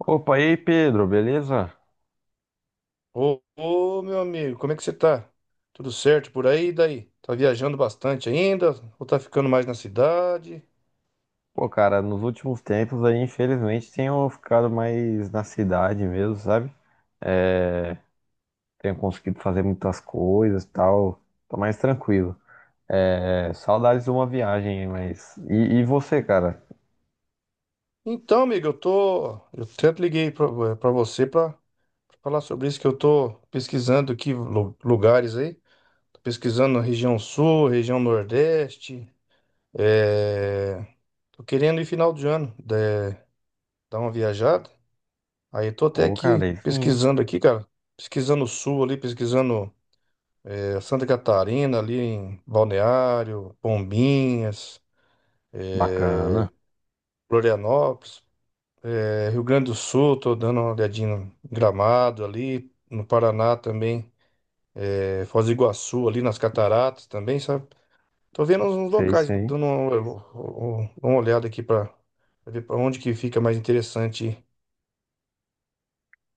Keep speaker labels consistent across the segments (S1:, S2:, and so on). S1: Opa, e aí, Pedro, beleza?
S2: Ô, meu amigo, como é que você tá? Tudo certo por aí? E daí? Tá viajando bastante ainda? Ou tá ficando mais na cidade?
S1: Pô, cara, nos últimos tempos aí, infelizmente, tenho ficado mais na cidade mesmo, sabe? É, tenho conseguido fazer muitas coisas e tal, tô mais tranquilo. É, saudades de uma viagem, mas. E você, cara?
S2: Então, amigo, eu tô. Eu tanto liguei pra você pra falar sobre isso, que eu tô pesquisando aqui lugares aí. Tô pesquisando na região sul, região nordeste. É... Tô querendo ir final de ano, dar uma viajada. Aí eu tô até
S1: Ô, cara,
S2: aqui
S1: aí sim,
S2: pesquisando aqui, cara. Pesquisando o sul ali, pesquisando. Santa Catarina, ali em Balneário, Bombinhas, é,
S1: bacana.
S2: Florianópolis, Rio Grande do Sul, tô dando uma olhadinha no Gramado ali, no Paraná também, Foz do Iguaçu ali nas Cataratas também, sabe? Tô vendo uns
S1: Sei,
S2: locais,
S1: sei.
S2: dando uma olhada aqui para ver para onde que fica mais interessante ir.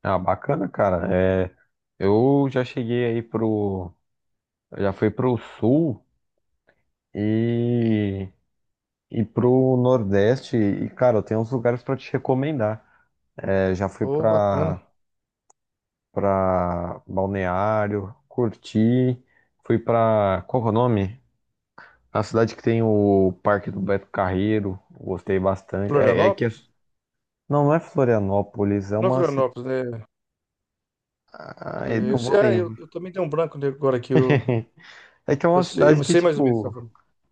S1: Ah, bacana, cara. É, eu já cheguei aí pro. Eu já fui pro sul e. E pro Nordeste, e cara, eu tenho uns lugares pra te recomendar. É,
S2: Ô, bacana.
S1: pra Balneário, curti, fui pra. Qual que é o nome? A cidade que tem o Parque do Beto Carreiro, gostei bastante. É, é que. É-
S2: Florianópolis?
S1: não, não é Florianópolis, é
S2: Não, é
S1: uma cidade.
S2: Florianópolis, né? É, Eu,
S1: Não
S2: sei-
S1: vou
S2: ah, eu
S1: lembrar.
S2: também tenho um branco agora aqui. Eu,
S1: É que é uma
S2: eu sei,
S1: cidade
S2: eu
S1: que,
S2: sei mais ou menos. Tá?
S1: tipo,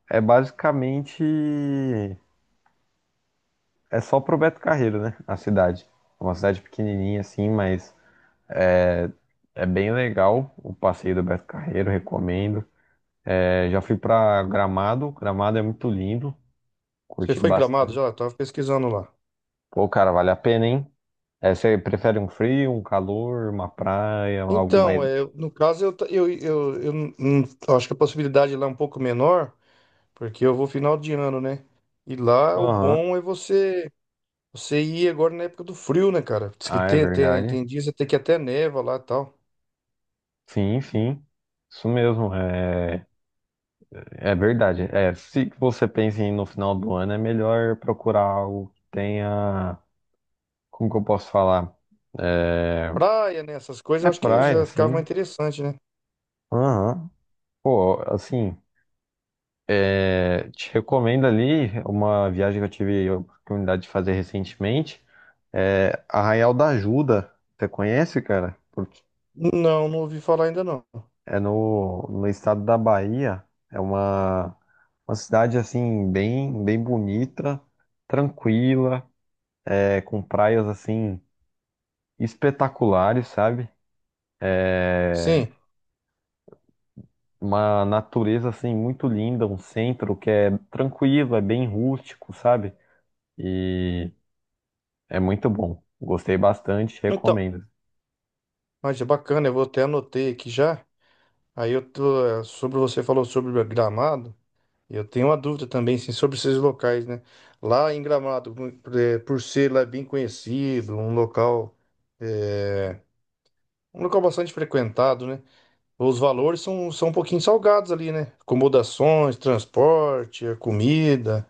S1: é basicamente. É só pro Beto Carreiro, né? A cidade. É uma cidade pequenininha assim, mas. É é bem legal o passeio do Beto Carreiro, recomendo. É, já fui pra Gramado, Gramado é muito lindo,
S2: Você
S1: curti
S2: foi em Gramado
S1: bastante.
S2: já? Eu tava pesquisando lá.
S1: Pô, cara, vale a pena, hein? É, você prefere um frio, um calor, uma praia, algo mais.
S2: Então, no caso, eu, ta- eu não- não- eu acho que a possibilidade lá é um pouco menor, porque eu vou final de ano, né? E lá o
S1: Aham.
S2: bom é você ir agora na época do frio, né, cara? Diz que
S1: Ah, é
S2: tem tem,
S1: verdade.
S2: tem dias até que até neva lá e tal.
S1: Sim, sim. Isso mesmo, é, é verdade. É, se você pensa em ir no final do ano, é melhor procurar algo que tenha. Como que eu posso falar? É,
S2: Praia, né? Essas coisas eu
S1: é
S2: acho que
S1: praia,
S2: já ficava mais
S1: sim.
S2: interessante, né?
S1: Aham. Pô, assim. É, te recomendo ali uma viagem que eu tive a oportunidade de fazer recentemente. É Arraial da Ajuda. Você conhece, cara? Porque
S2: Não, não ouvi falar ainda não.
S1: é no estado da Bahia. É uma cidade assim bem, bem bonita, tranquila, é, com praias assim espetaculares, sabe? É
S2: Sim.
S1: uma natureza assim muito linda, um centro que é tranquilo, é bem rústico, sabe? E é muito bom. Gostei bastante,
S2: Então,
S1: recomendo.
S2: mas é bacana, eu vou até anotei aqui já. Aí eu tô, sobre você falou sobre Gramado. Eu tenho uma dúvida também, assim, sobre esses locais, né? Lá em Gramado, por ser lá bem conhecido, eh, um local bastante frequentado, né? Os valores são um pouquinho salgados ali, né? Acomodações, transporte, a comida,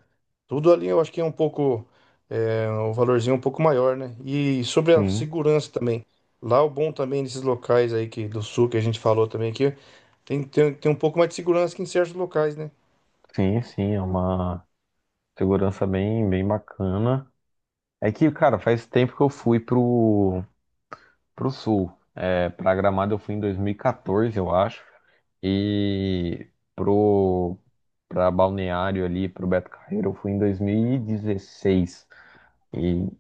S2: tudo ali eu acho que é um valorzinho um pouco maior, né? E sobre a
S1: Sim,
S2: segurança também. Lá o bom também desses locais aí que, do sul que a gente falou também aqui, tem tem um pouco mais de segurança que em certos locais, né?
S1: sim, sim, é uma segurança bem, bem bacana. É que, cara, faz tempo que eu fui pro, pro sul. É, pra Gramado eu fui em 2014, eu acho. E pro, pra Balneário ali, pro Beto Carreiro, eu fui em 2016. E, dezesseis. E,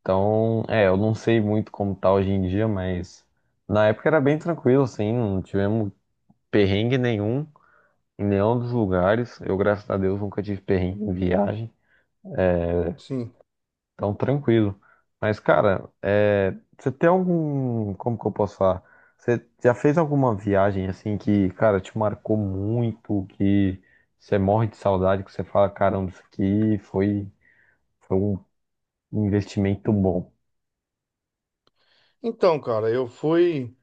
S1: então, é, eu não sei muito como tá hoje em dia, mas na época era bem tranquilo, assim, não tivemos perrengue nenhum. Em nenhum dos lugares. Eu, graças a Deus, nunca tive perrengue em viagem.
S2: Sim.
S1: Então, tranquilo. Mas, cara, é, você tem algum. Como que eu posso falar? Você já fez alguma viagem assim que, cara, te marcou muito, que você morre de saudade, que você fala, caramba, isso aqui foi, foi um investimento bom.
S2: Então, cara, eu fui,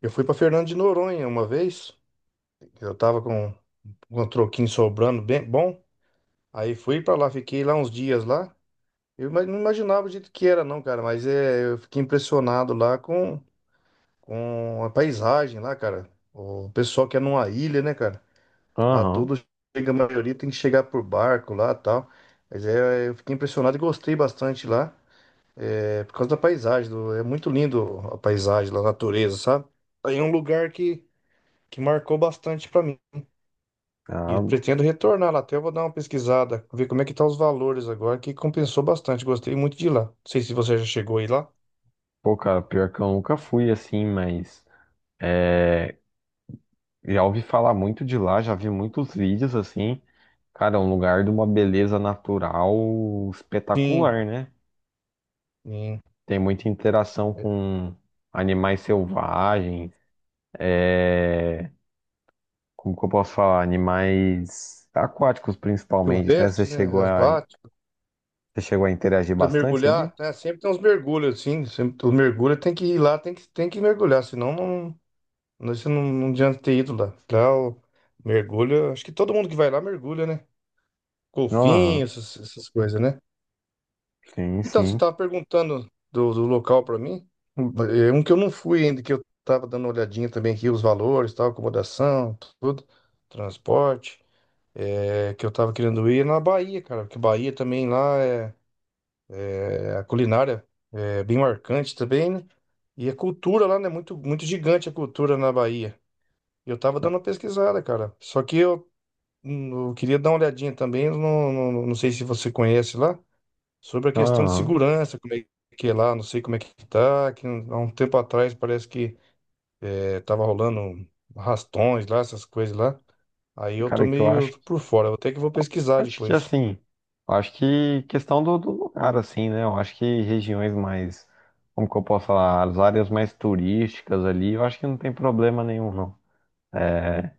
S2: eu fui para Fernando de Noronha uma vez. Eu tava com um troquinho sobrando bem bom. Aí fui para lá, fiquei lá uns dias lá. Não imaginava o jeito que era, não, cara, mas eu fiquei impressionado lá com a paisagem lá, cara. O pessoal que é numa ilha, né, cara? Lá
S1: Aham.
S2: tudo chega, a maioria tem que chegar por barco lá, e tal. Mas eu fiquei impressionado e gostei bastante lá, por causa da paisagem, é muito lindo a paisagem, lá, a natureza, sabe? Aí é um lugar que marcou bastante para mim. E
S1: Ah,
S2: eu pretendo retornar lá até, eu vou dar uma pesquisada, ver como é que tá os valores agora, que compensou bastante, gostei muito de ir lá. Não sei se você já chegou aí lá.
S1: pô, cara, pior que eu nunca fui assim, mas. É, já ouvi falar muito de lá, já vi muitos vídeos assim. Cara, é um lugar de uma beleza natural
S2: Sim,
S1: espetacular, né?
S2: sim.
S1: Tem muita interação com animais selvagens, é... como que eu posso falar? Animais aquáticos principalmente, né?
S2: Silvestres, né, aquático,
S1: Você chegou a interagir
S2: da
S1: bastante ali?
S2: mergulhar, né, sempre tem uns mergulhos, assim, sempre, o mergulho tem que ir lá, tem que mergulhar, senão não, não, você não, não adianta ter ido lá. Lá o mergulho, acho que todo mundo que vai lá mergulha, né? Golfinho,
S1: Aham,
S2: essas coisas, né?
S1: sim,
S2: Então, você
S1: sim.
S2: estava perguntando do local para mim. É um que eu não fui ainda, que eu estava dando uma olhadinha também aqui, os valores, tal, acomodação, tudo, transporte. Que eu estava querendo ir é na Bahia, cara, porque Bahia também lá a culinária é bem marcante também, né? E a cultura lá, né? Muito, muito gigante a cultura na Bahia. Eu tava dando uma pesquisada, cara. Só que eu queria dar uma olhadinha também, eu não sei se você conhece lá sobre a questão de
S1: Aham.
S2: segurança, como é que é lá, não sei como é que tá, que há um tempo atrás parece que tava rolando rastões lá, essas coisas lá. Aí eu tô
S1: Cara, que eu
S2: meio
S1: acho
S2: por fora, eu até que vou pesquisar
S1: Acho que
S2: depois.
S1: assim, acho que questão do lugar, assim, né? Eu acho que regiões mais, como que eu posso falar, as áreas mais turísticas ali, eu acho que não tem problema nenhum, não. É,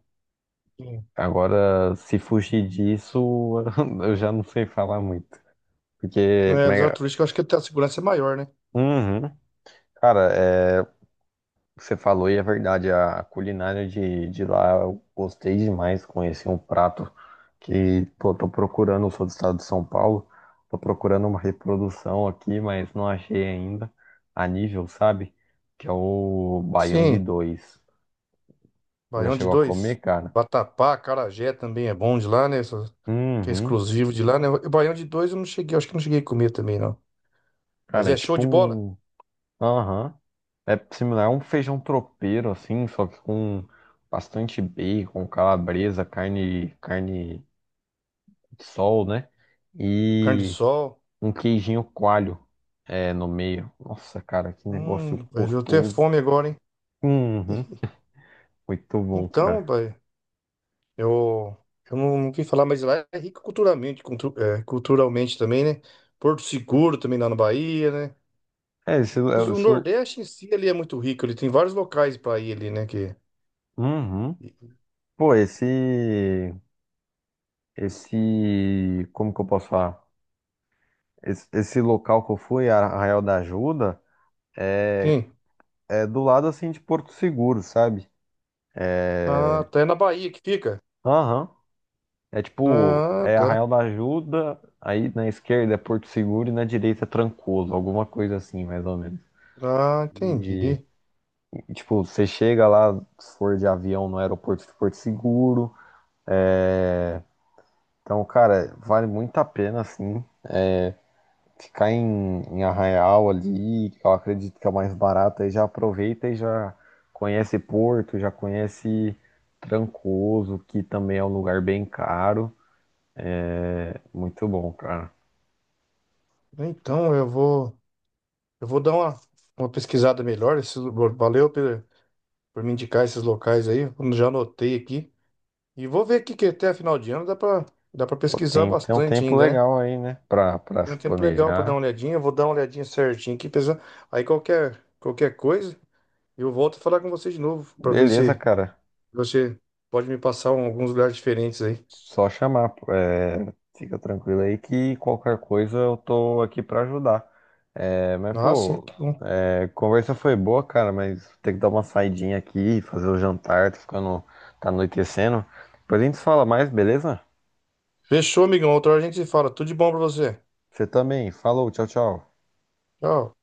S2: Sim.
S1: agora, se fugir disso, eu já não sei falar muito. Porque,
S2: É, dos
S1: mas-
S2: turísticos eu acho que até a segurança é maior, né?
S1: uhum. Cara, é, que você falou e é verdade, a culinária de lá eu gostei demais, conheci um prato que, pô, tô procurando, eu sou do estado de São Paulo, tô procurando uma reprodução aqui, mas não achei ainda, a nível, sabe? Que é o baião de
S2: Sim,
S1: dois. Já
S2: Baião de
S1: chegou a
S2: dois.
S1: comer, cara?
S2: Vatapá, Carajé também é bom de lá, né? Que é
S1: Uhum.
S2: exclusivo de lá, né? E Baião de dois eu não cheguei, eu acho que não cheguei a comer também, não. Mas
S1: Cara, é
S2: é show
S1: tipo
S2: de bola.
S1: um... Aham. É similar a um feijão tropeiro, assim, só que com bastante bacon, calabresa, carne de sol, né?
S2: Carne de
S1: E...
S2: sol.
S1: um queijinho coalho é, no meio. Nossa, cara, que negócio
S2: Rapaz, deu até
S1: gostoso.
S2: fome agora, hein?
S1: Uhum, muito bom,
S2: Então,
S1: cara.
S2: pai. Eu, eu não quis falar, mas lá é rico culturalmente, culturalmente também, né? Porto Seguro também lá na Bahia, né?
S1: É,
S2: O
S1: isso,
S2: Nordeste em si ele é muito rico, ele tem vários locais para ir ali, né? Que...
S1: uhum. Pô, esse, como que eu posso falar? Esse local que eu fui, Arraial da Ajuda, é,
S2: Sim.
S1: é do lado, assim, de Porto Seguro, sabe?
S2: Ah,
S1: É,
S2: tá. É na Bahia que fica?
S1: aham, é tipo,
S2: Ah,
S1: é
S2: tá.
S1: Arraial da Ajuda, aí na esquerda é Porto Seguro e na direita é Trancoso, alguma coisa assim, mais ou menos.
S2: Ah,
S1: E,
S2: entendi.
S1: e, tipo, você chega lá, se for de avião, no aeroporto de Porto Seguro. É, então, cara, vale muito a pena, assim, ficar em Arraial ali, que eu acredito que é o mais barato, aí já aproveita e já conhece Porto, já conhece Trancoso, que também é um lugar bem caro. Muito bom, cara.
S2: Então eu vou dar uma pesquisada melhor. Valeu por me indicar esses locais aí. Eu já anotei aqui. E vou ver aqui que até a final de ano dá para
S1: Pô,
S2: pesquisar
S1: Tem um
S2: bastante
S1: tempo
S2: ainda, né?
S1: legal aí, né, pra
S2: Tem
S1: se
S2: um tempo legal pra dar uma
S1: planejar.
S2: olhadinha. Eu vou dar uma olhadinha certinho aqui, pessoal. Aí qualquer coisa, eu volto a falar com você de novo, pra ver
S1: Beleza,
S2: se
S1: cara,
S2: você pode me passar alguns lugares diferentes aí.
S1: só chamar. É, fica tranquilo aí que qualquer coisa eu tô aqui pra ajudar. É, mas,
S2: Ah, sim,
S1: pô,
S2: tá bom.
S1: é, conversa foi boa, cara, mas tem que dar uma saidinha aqui, fazer o jantar, tá ficando, tá anoitecendo. Depois a gente fala mais, beleza?
S2: Fechou, amigão. Outra hora a gente se fala. Tudo de bom pra você.
S1: Você também. Falou, tchau, tchau.
S2: Tchau.